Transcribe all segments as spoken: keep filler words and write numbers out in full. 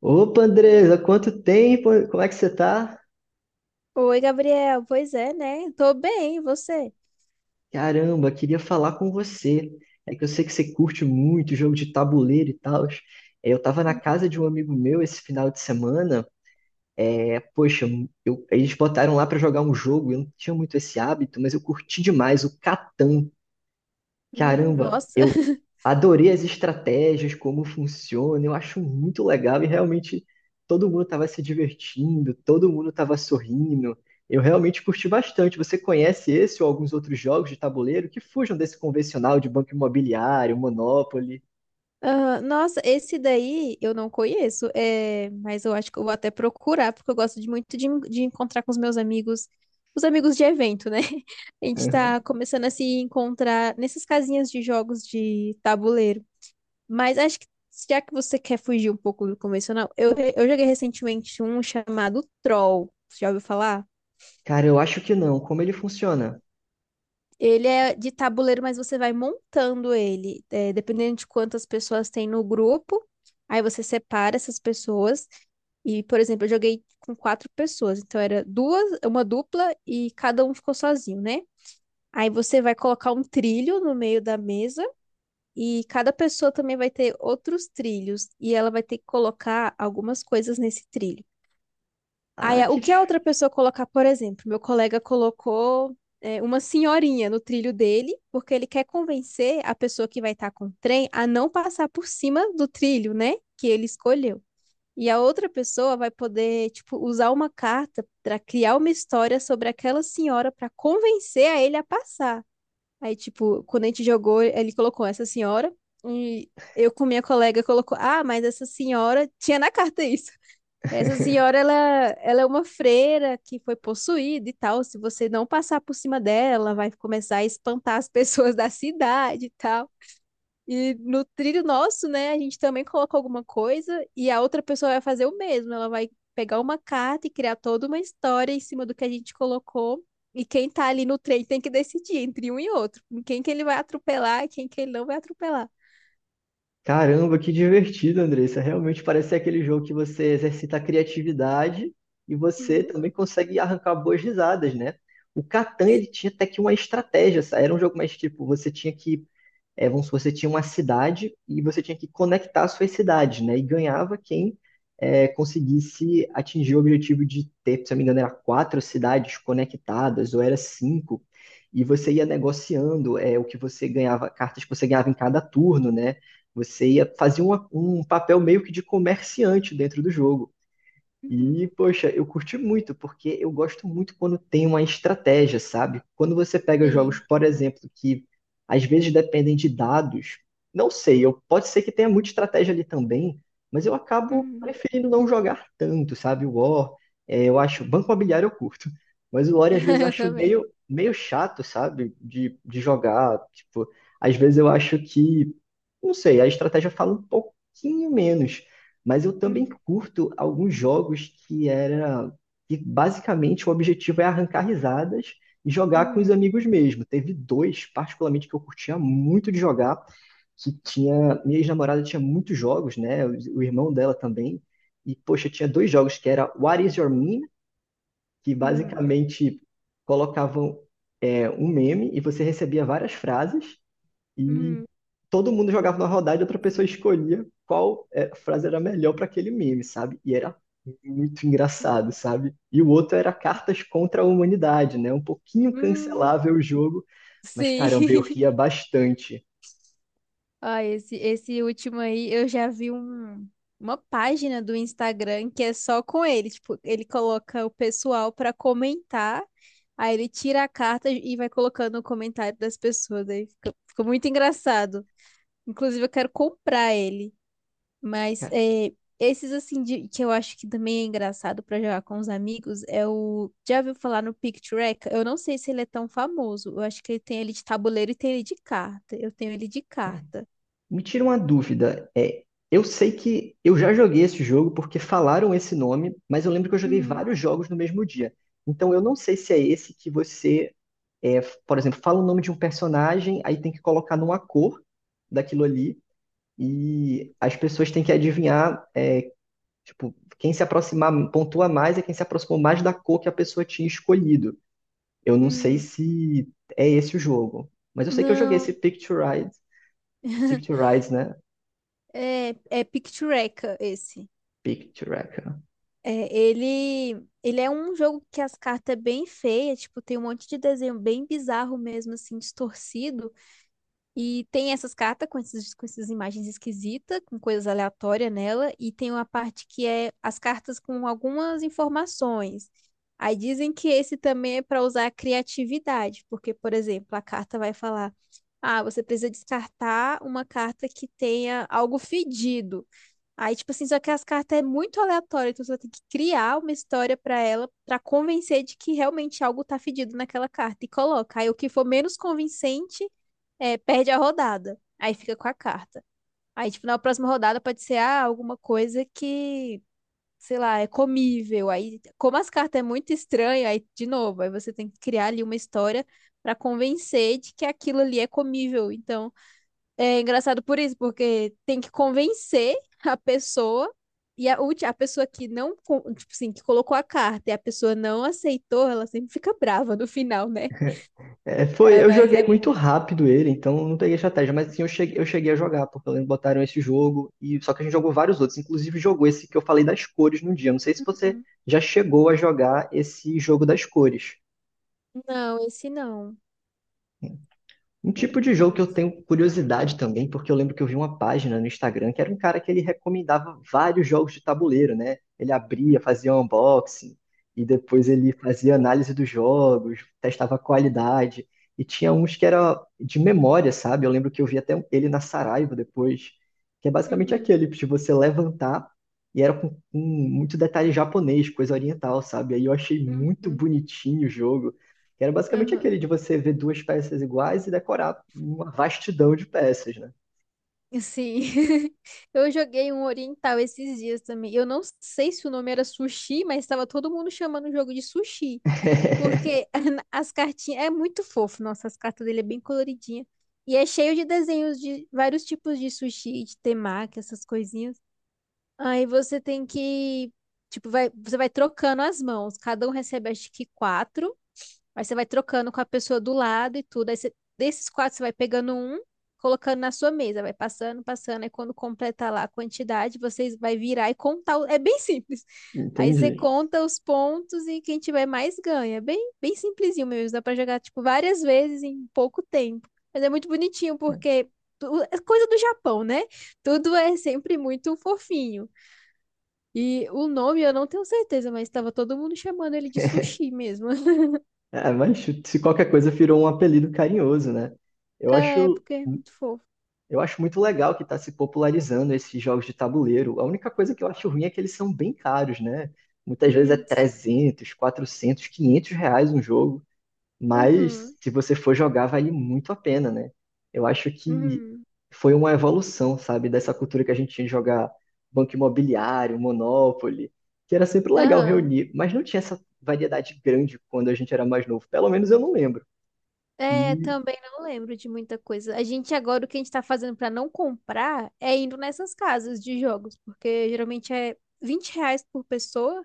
Opa, Andresa, quanto tempo? Como é que você tá? Oi, Gabriel. Pois é, né? Tô bem, e você? Caramba, queria falar com você. É que eu sei que você curte muito jogo de tabuleiro e tal. É, eu tava na casa de um amigo meu esse final de semana. É, poxa, eu- eles botaram lá pra jogar um jogo. Eu não tinha muito esse hábito, mas eu curti demais o Catan. Hum, Caramba, nossa. eu adorei as estratégias, como funciona, eu acho muito legal e realmente todo mundo estava se divertindo, todo mundo estava sorrindo. Eu realmente curti bastante. Você conhece esse ou alguns outros jogos de tabuleiro que fujam desse convencional de banco imobiliário, Monopoly? Ah, nossa, esse daí eu não conheço, é, mas eu acho que eu vou até procurar, porque eu gosto de muito de, de encontrar com os meus amigos, os amigos de evento, né? A gente Aham. tá começando a se encontrar nessas casinhas de jogos de tabuleiro. Mas acho que já que você quer fugir um pouco do convencional, eu, eu joguei recentemente um chamado Troll. Você já ouviu falar? Cara, eu acho que não. Como ele funciona? Ele é de tabuleiro, mas você vai montando ele, é, dependendo de quantas pessoas tem no grupo. Aí você separa essas pessoas. E, por exemplo, eu joguei com quatro pessoas, então era duas, uma dupla e cada um ficou sozinho, né? Aí você vai colocar um trilho no meio da mesa e cada pessoa também vai ter outros trilhos e ela vai ter que colocar algumas coisas nesse trilho. Ah, Aí, o que. que a outra pessoa colocar, por exemplo, meu colega colocou é, uma senhorinha no trilho dele, porque ele quer convencer a pessoa que vai estar com o trem a não passar por cima do trilho, né, que ele escolheu. E a outra pessoa vai poder, tipo, usar uma carta para criar uma história sobre aquela senhora para convencer a ele a passar. Aí, tipo, quando a gente jogou, ele colocou essa senhora e eu com minha colega colocou, ah, mas essa senhora tinha na carta isso. Essa senhora, ela, ela é uma freira que foi possuída e tal. Se você não passar por cima dela, vai começar a espantar as pessoas da cidade e tal. E no trilho nosso, né, a gente também coloca alguma coisa e a outra pessoa vai fazer o mesmo. Ela vai pegar uma carta e criar toda uma história em cima do que a gente colocou. E quem tá ali no trem tem que decidir entre um e outro. Quem que ele vai atropelar e quem que ele não vai atropelar. Caramba, que divertido, Andressa. Realmente parece ser aquele jogo que você exercita a criatividade e você Hum. também consegue arrancar boas risadas, né? O Catan, ele tinha até que uma estratégia, sabe? Era um jogo mais tipo, você tinha que é, vamos supor, você tinha uma cidade e você tinha que conectar as suas cidades, né? E ganhava quem é, conseguisse atingir o objetivo de ter, se eu não me engano, era quatro cidades conectadas, ou era cinco, e você ia negociando é, o que você ganhava, cartas que você ganhava em cada turno, né? Você ia fazer uma- um papel meio que de comerciante dentro do jogo. Uhum. E, poxa, eu curti muito, porque eu gosto muito quando tem uma estratégia, sabe? Quando você pega jogos, Sim. por exemplo, que às vezes dependem de dados, não sei, eu, pode ser que tenha muita estratégia ali também, mas eu acabo Uhum. preferindo não jogar tanto, sabe? O War, é, eu acho, Banco Imobiliário eu curto, mas o War às vezes Eu acho também. meio, meio chato, sabe? De, de jogar, tipo, às vezes eu acho que, não sei, a estratégia fala um pouquinho menos. Mas eu também Uhum. curto alguns jogos que era que basicamente o objetivo é arrancar risadas e jogar com os Uhum. amigos mesmo. Teve dois, particularmente, que eu curtia muito de jogar, que tinha. Minha ex-namorada tinha muitos jogos, né? O, o irmão dela também. E, poxa, tinha dois jogos que era What Is Your Meme? Que Uhum, basicamente colocavam é, um meme e você recebia várias frases. E uhum, todo mundo jogava na rodada e outra pessoa escolhia qual é, frase era melhor para aquele meme, sabe? E era muito uhum, engraçado, sabe? E o outro era Cartas contra a Humanidade, né? Um pouquinho uhum. cancelável o jogo, mas Sim. caramba, eu ria bastante. Ó, esse, esse último aí, eu já vi um, uma página do Instagram que é só com ele. Tipo, ele coloca o pessoal pra comentar, aí ele tira a carta e vai colocando o comentário das pessoas. Aí fica, fica muito engraçado. Inclusive, eu quero comprar ele. Mas Cara, é, esses assim de- que eu acho que também é engraçado pra jogar com os amigos é o. Já ouviu falar no Pictureka? Eu não sei se ele é tão famoso. Eu acho que ele tem ele de tabuleiro e tem ele de carta. Eu tenho ele de é, carta. me tira uma dúvida. É, eu sei que eu já joguei esse jogo porque falaram esse nome, mas eu lembro que eu joguei Hum, vários jogos no mesmo dia. Então eu não sei se é esse que você, é, por exemplo, fala o nome de um personagem, aí tem que colocar numa cor daquilo ali, e as pessoas têm que adivinhar, é, tipo, quem se aproximar, pontua mais é quem se aproximou mais da cor que a pessoa tinha escolhido. Eu não sei hum. se é esse o jogo, mas eu sei que eu joguei esse Não. Picture Ride, Picture Rides, né? É, é Pictureka esse. Picture Ride. É, ele, ele é um jogo que as cartas é bem feias, tipo, tem um monte de desenho bem bizarro mesmo, assim, distorcido. E tem essas cartas com essas, com essas imagens esquisitas, com coisas aleatórias nela, e tem uma parte que é as cartas com algumas informações. Aí dizem que esse também é para usar a criatividade, porque, por exemplo, a carta vai falar: ah, você precisa descartar uma carta que tenha algo fedido. Aí, tipo assim, só que as cartas é muito aleatório, então você tem que criar uma história pra ela pra convencer de que realmente algo tá fedido naquela carta e coloca. Aí o que for menos convincente é, perde a rodada. Aí fica com a carta. Aí, tipo, na próxima rodada pode ser ah, alguma coisa que, sei lá, é comível. Aí, como as cartas é muito estranha aí de novo, aí você tem que criar ali uma história pra convencer de que aquilo ali é comível. Então, é engraçado por isso, porque tem que convencer a pessoa e a, ulti- a pessoa que não, con- tipo assim, que colocou a carta e a pessoa não aceitou, ela sempre fica brava no final, né? É, foi, Ah, eu mas joguei é muito bom. rápido ele, então eu não peguei estratégia, mas sim eu cheguei, eu cheguei, a jogar, porque eu lembro que botaram esse jogo, e só que a gente jogou vários outros, inclusive jogou esse que eu falei das cores no dia. Eu não sei se você Uhum. já chegou a jogar esse jogo das cores. Não, esse não. Um Não tipo de jogo que eu conheço. tenho curiosidade também, porque eu lembro que eu vi uma página no Instagram que era um cara que ele recomendava vários jogos de tabuleiro, né? Ele abria, fazia um unboxing, e depois ele fazia análise dos jogos, testava a qualidade, e tinha uns que era de memória, sabe? Eu lembro que eu vi até ele na Saraiva depois, que é basicamente Uhum. aquele de você levantar, e era com, com muito detalhe japonês, coisa oriental, sabe? Aí eu achei muito Uhum. bonitinho o jogo que era basicamente aquele Aham. de você ver duas peças iguais e decorar uma vastidão de peças, né? Sim. Eu joguei um oriental esses dias também. Eu não sei se o nome era sushi, mas estava todo mundo chamando o jogo de sushi. Porque as cartinhas. É muito fofo, nossa, as cartas dele é bem coloridinha. E é cheio de desenhos de vários tipos de sushi, de temaki, essas coisinhas. Aí você tem que. Tipo, vai, você vai trocando as mãos. Cada um recebe, acho que quatro. Aí você vai trocando com a pessoa do lado e tudo. Aí você- desses quatro, você vai pegando um, colocando na sua mesa, vai passando, passando. Aí quando completar lá a quantidade, vocês vai virar e contar. o- É bem simples. Aí você Entendi. conta os pontos e quem tiver mais ganha. É Bem, bem simplesinho mesmo. Dá pra jogar, tipo, várias vezes em pouco tempo. Mas é muito bonitinho porque tu- é coisa do Japão, né? Tudo é sempre muito fofinho. E o nome eu não tenho certeza, mas estava todo mundo chamando ele de sushi mesmo. É, mas se qualquer coisa virou um apelido carinhoso, né? Eu É, acho, porque é muito fofo. eu acho muito legal que está se popularizando esses jogos de tabuleiro. A única coisa que eu acho ruim é que eles são bem caros, né? Muitas vezes é Hum, trezentos, quatrocentos, quinhentos reais um jogo. Mas uhum, se você for jogar, vale muito a pena, né? Eu acho que uhum, foi uma evolução, sabe, dessa cultura que a gente tinha de jogar Banco Imobiliário, Monopoly, que era sempre legal aham. reunir, mas não tinha essa variedade grande quando a gente era mais novo. Pelo menos eu não lembro. É, E também não lembro de muita coisa. A gente agora, o que a gente tá fazendo pra não comprar é indo nessas casas de jogos, porque geralmente é vinte reais por pessoa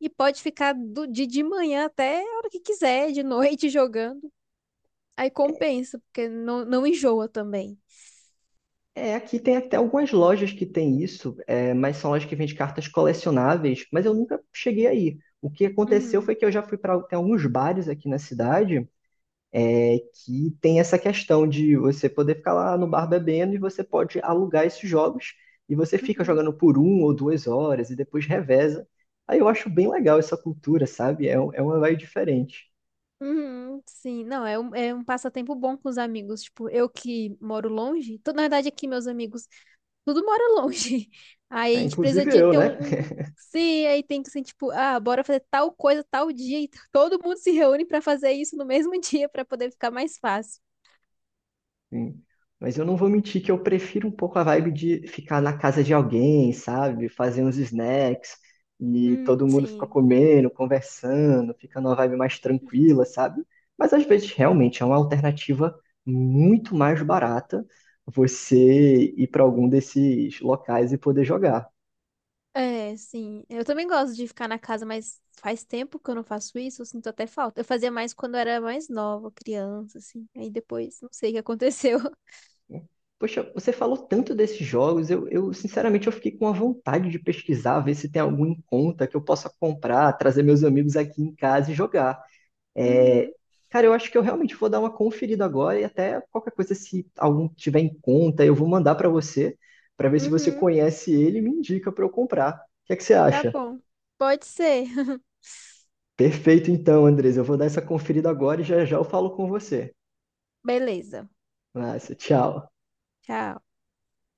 e pode ficar do, de, de manhã até a hora que quiser, de noite jogando. Aí compensa, porque não, não enjoa também. é, aqui tem até algumas lojas que tem isso, é, mas são lojas que vendem cartas colecionáveis, mas eu nunca cheguei aí. O que aconteceu Uhum, foi que eu já fui para alguns bares aqui na cidade é que tem essa questão de você poder ficar lá no bar bebendo e você pode alugar esses jogos e você fica uhum, jogando por um ou duas horas e depois reveza. Aí eu acho bem legal essa cultura, sabe? É, um- é uma vibe diferente. uhum, sim, não, é um, é um passatempo bom com os amigos. Tipo, eu que moro longe, tô, na verdade aqui meus amigos tudo mora longe. Aí a É, gente precisa inclusive de eu, ter né? um, um sim, aí tem que ser tipo, ah, bora fazer tal coisa tal dia. E todo mundo se reúne pra fazer isso no mesmo dia pra poder ficar mais fácil. Sim. Mas eu não vou mentir que eu prefiro um pouco a vibe de ficar na casa de alguém, sabe? Fazer uns snacks e Hum, todo mundo fica sim, comendo, conversando, fica numa vibe mais tranquila, sabe? Mas às vezes sim. realmente é uma alternativa muito mais barata você ir para algum desses locais e poder jogar. É, sim. Eu também gosto de ficar na casa, mas faz tempo que eu não faço isso, eu sinto até falta. Eu fazia mais quando eu era mais nova, criança, assim. Aí depois, não sei o que aconteceu. Poxa, você falou tanto desses jogos, eu, eu sinceramente eu fiquei com a vontade de pesquisar, ver se tem algum em conta que eu possa comprar, trazer meus amigos aqui em casa e jogar. É, Uhum, cara, eu acho que eu realmente vou dar uma conferida agora e até qualquer coisa, se algum tiver em conta, eu vou mandar para você, para ver se você uhum, conhece ele e me indica para eu comprar. O que é que você tá acha? bom. Pode ser. Perfeito, então, Andres. Eu vou dar essa conferida agora e já já eu falo com você. Beleza. Massa, tchau. Tchau.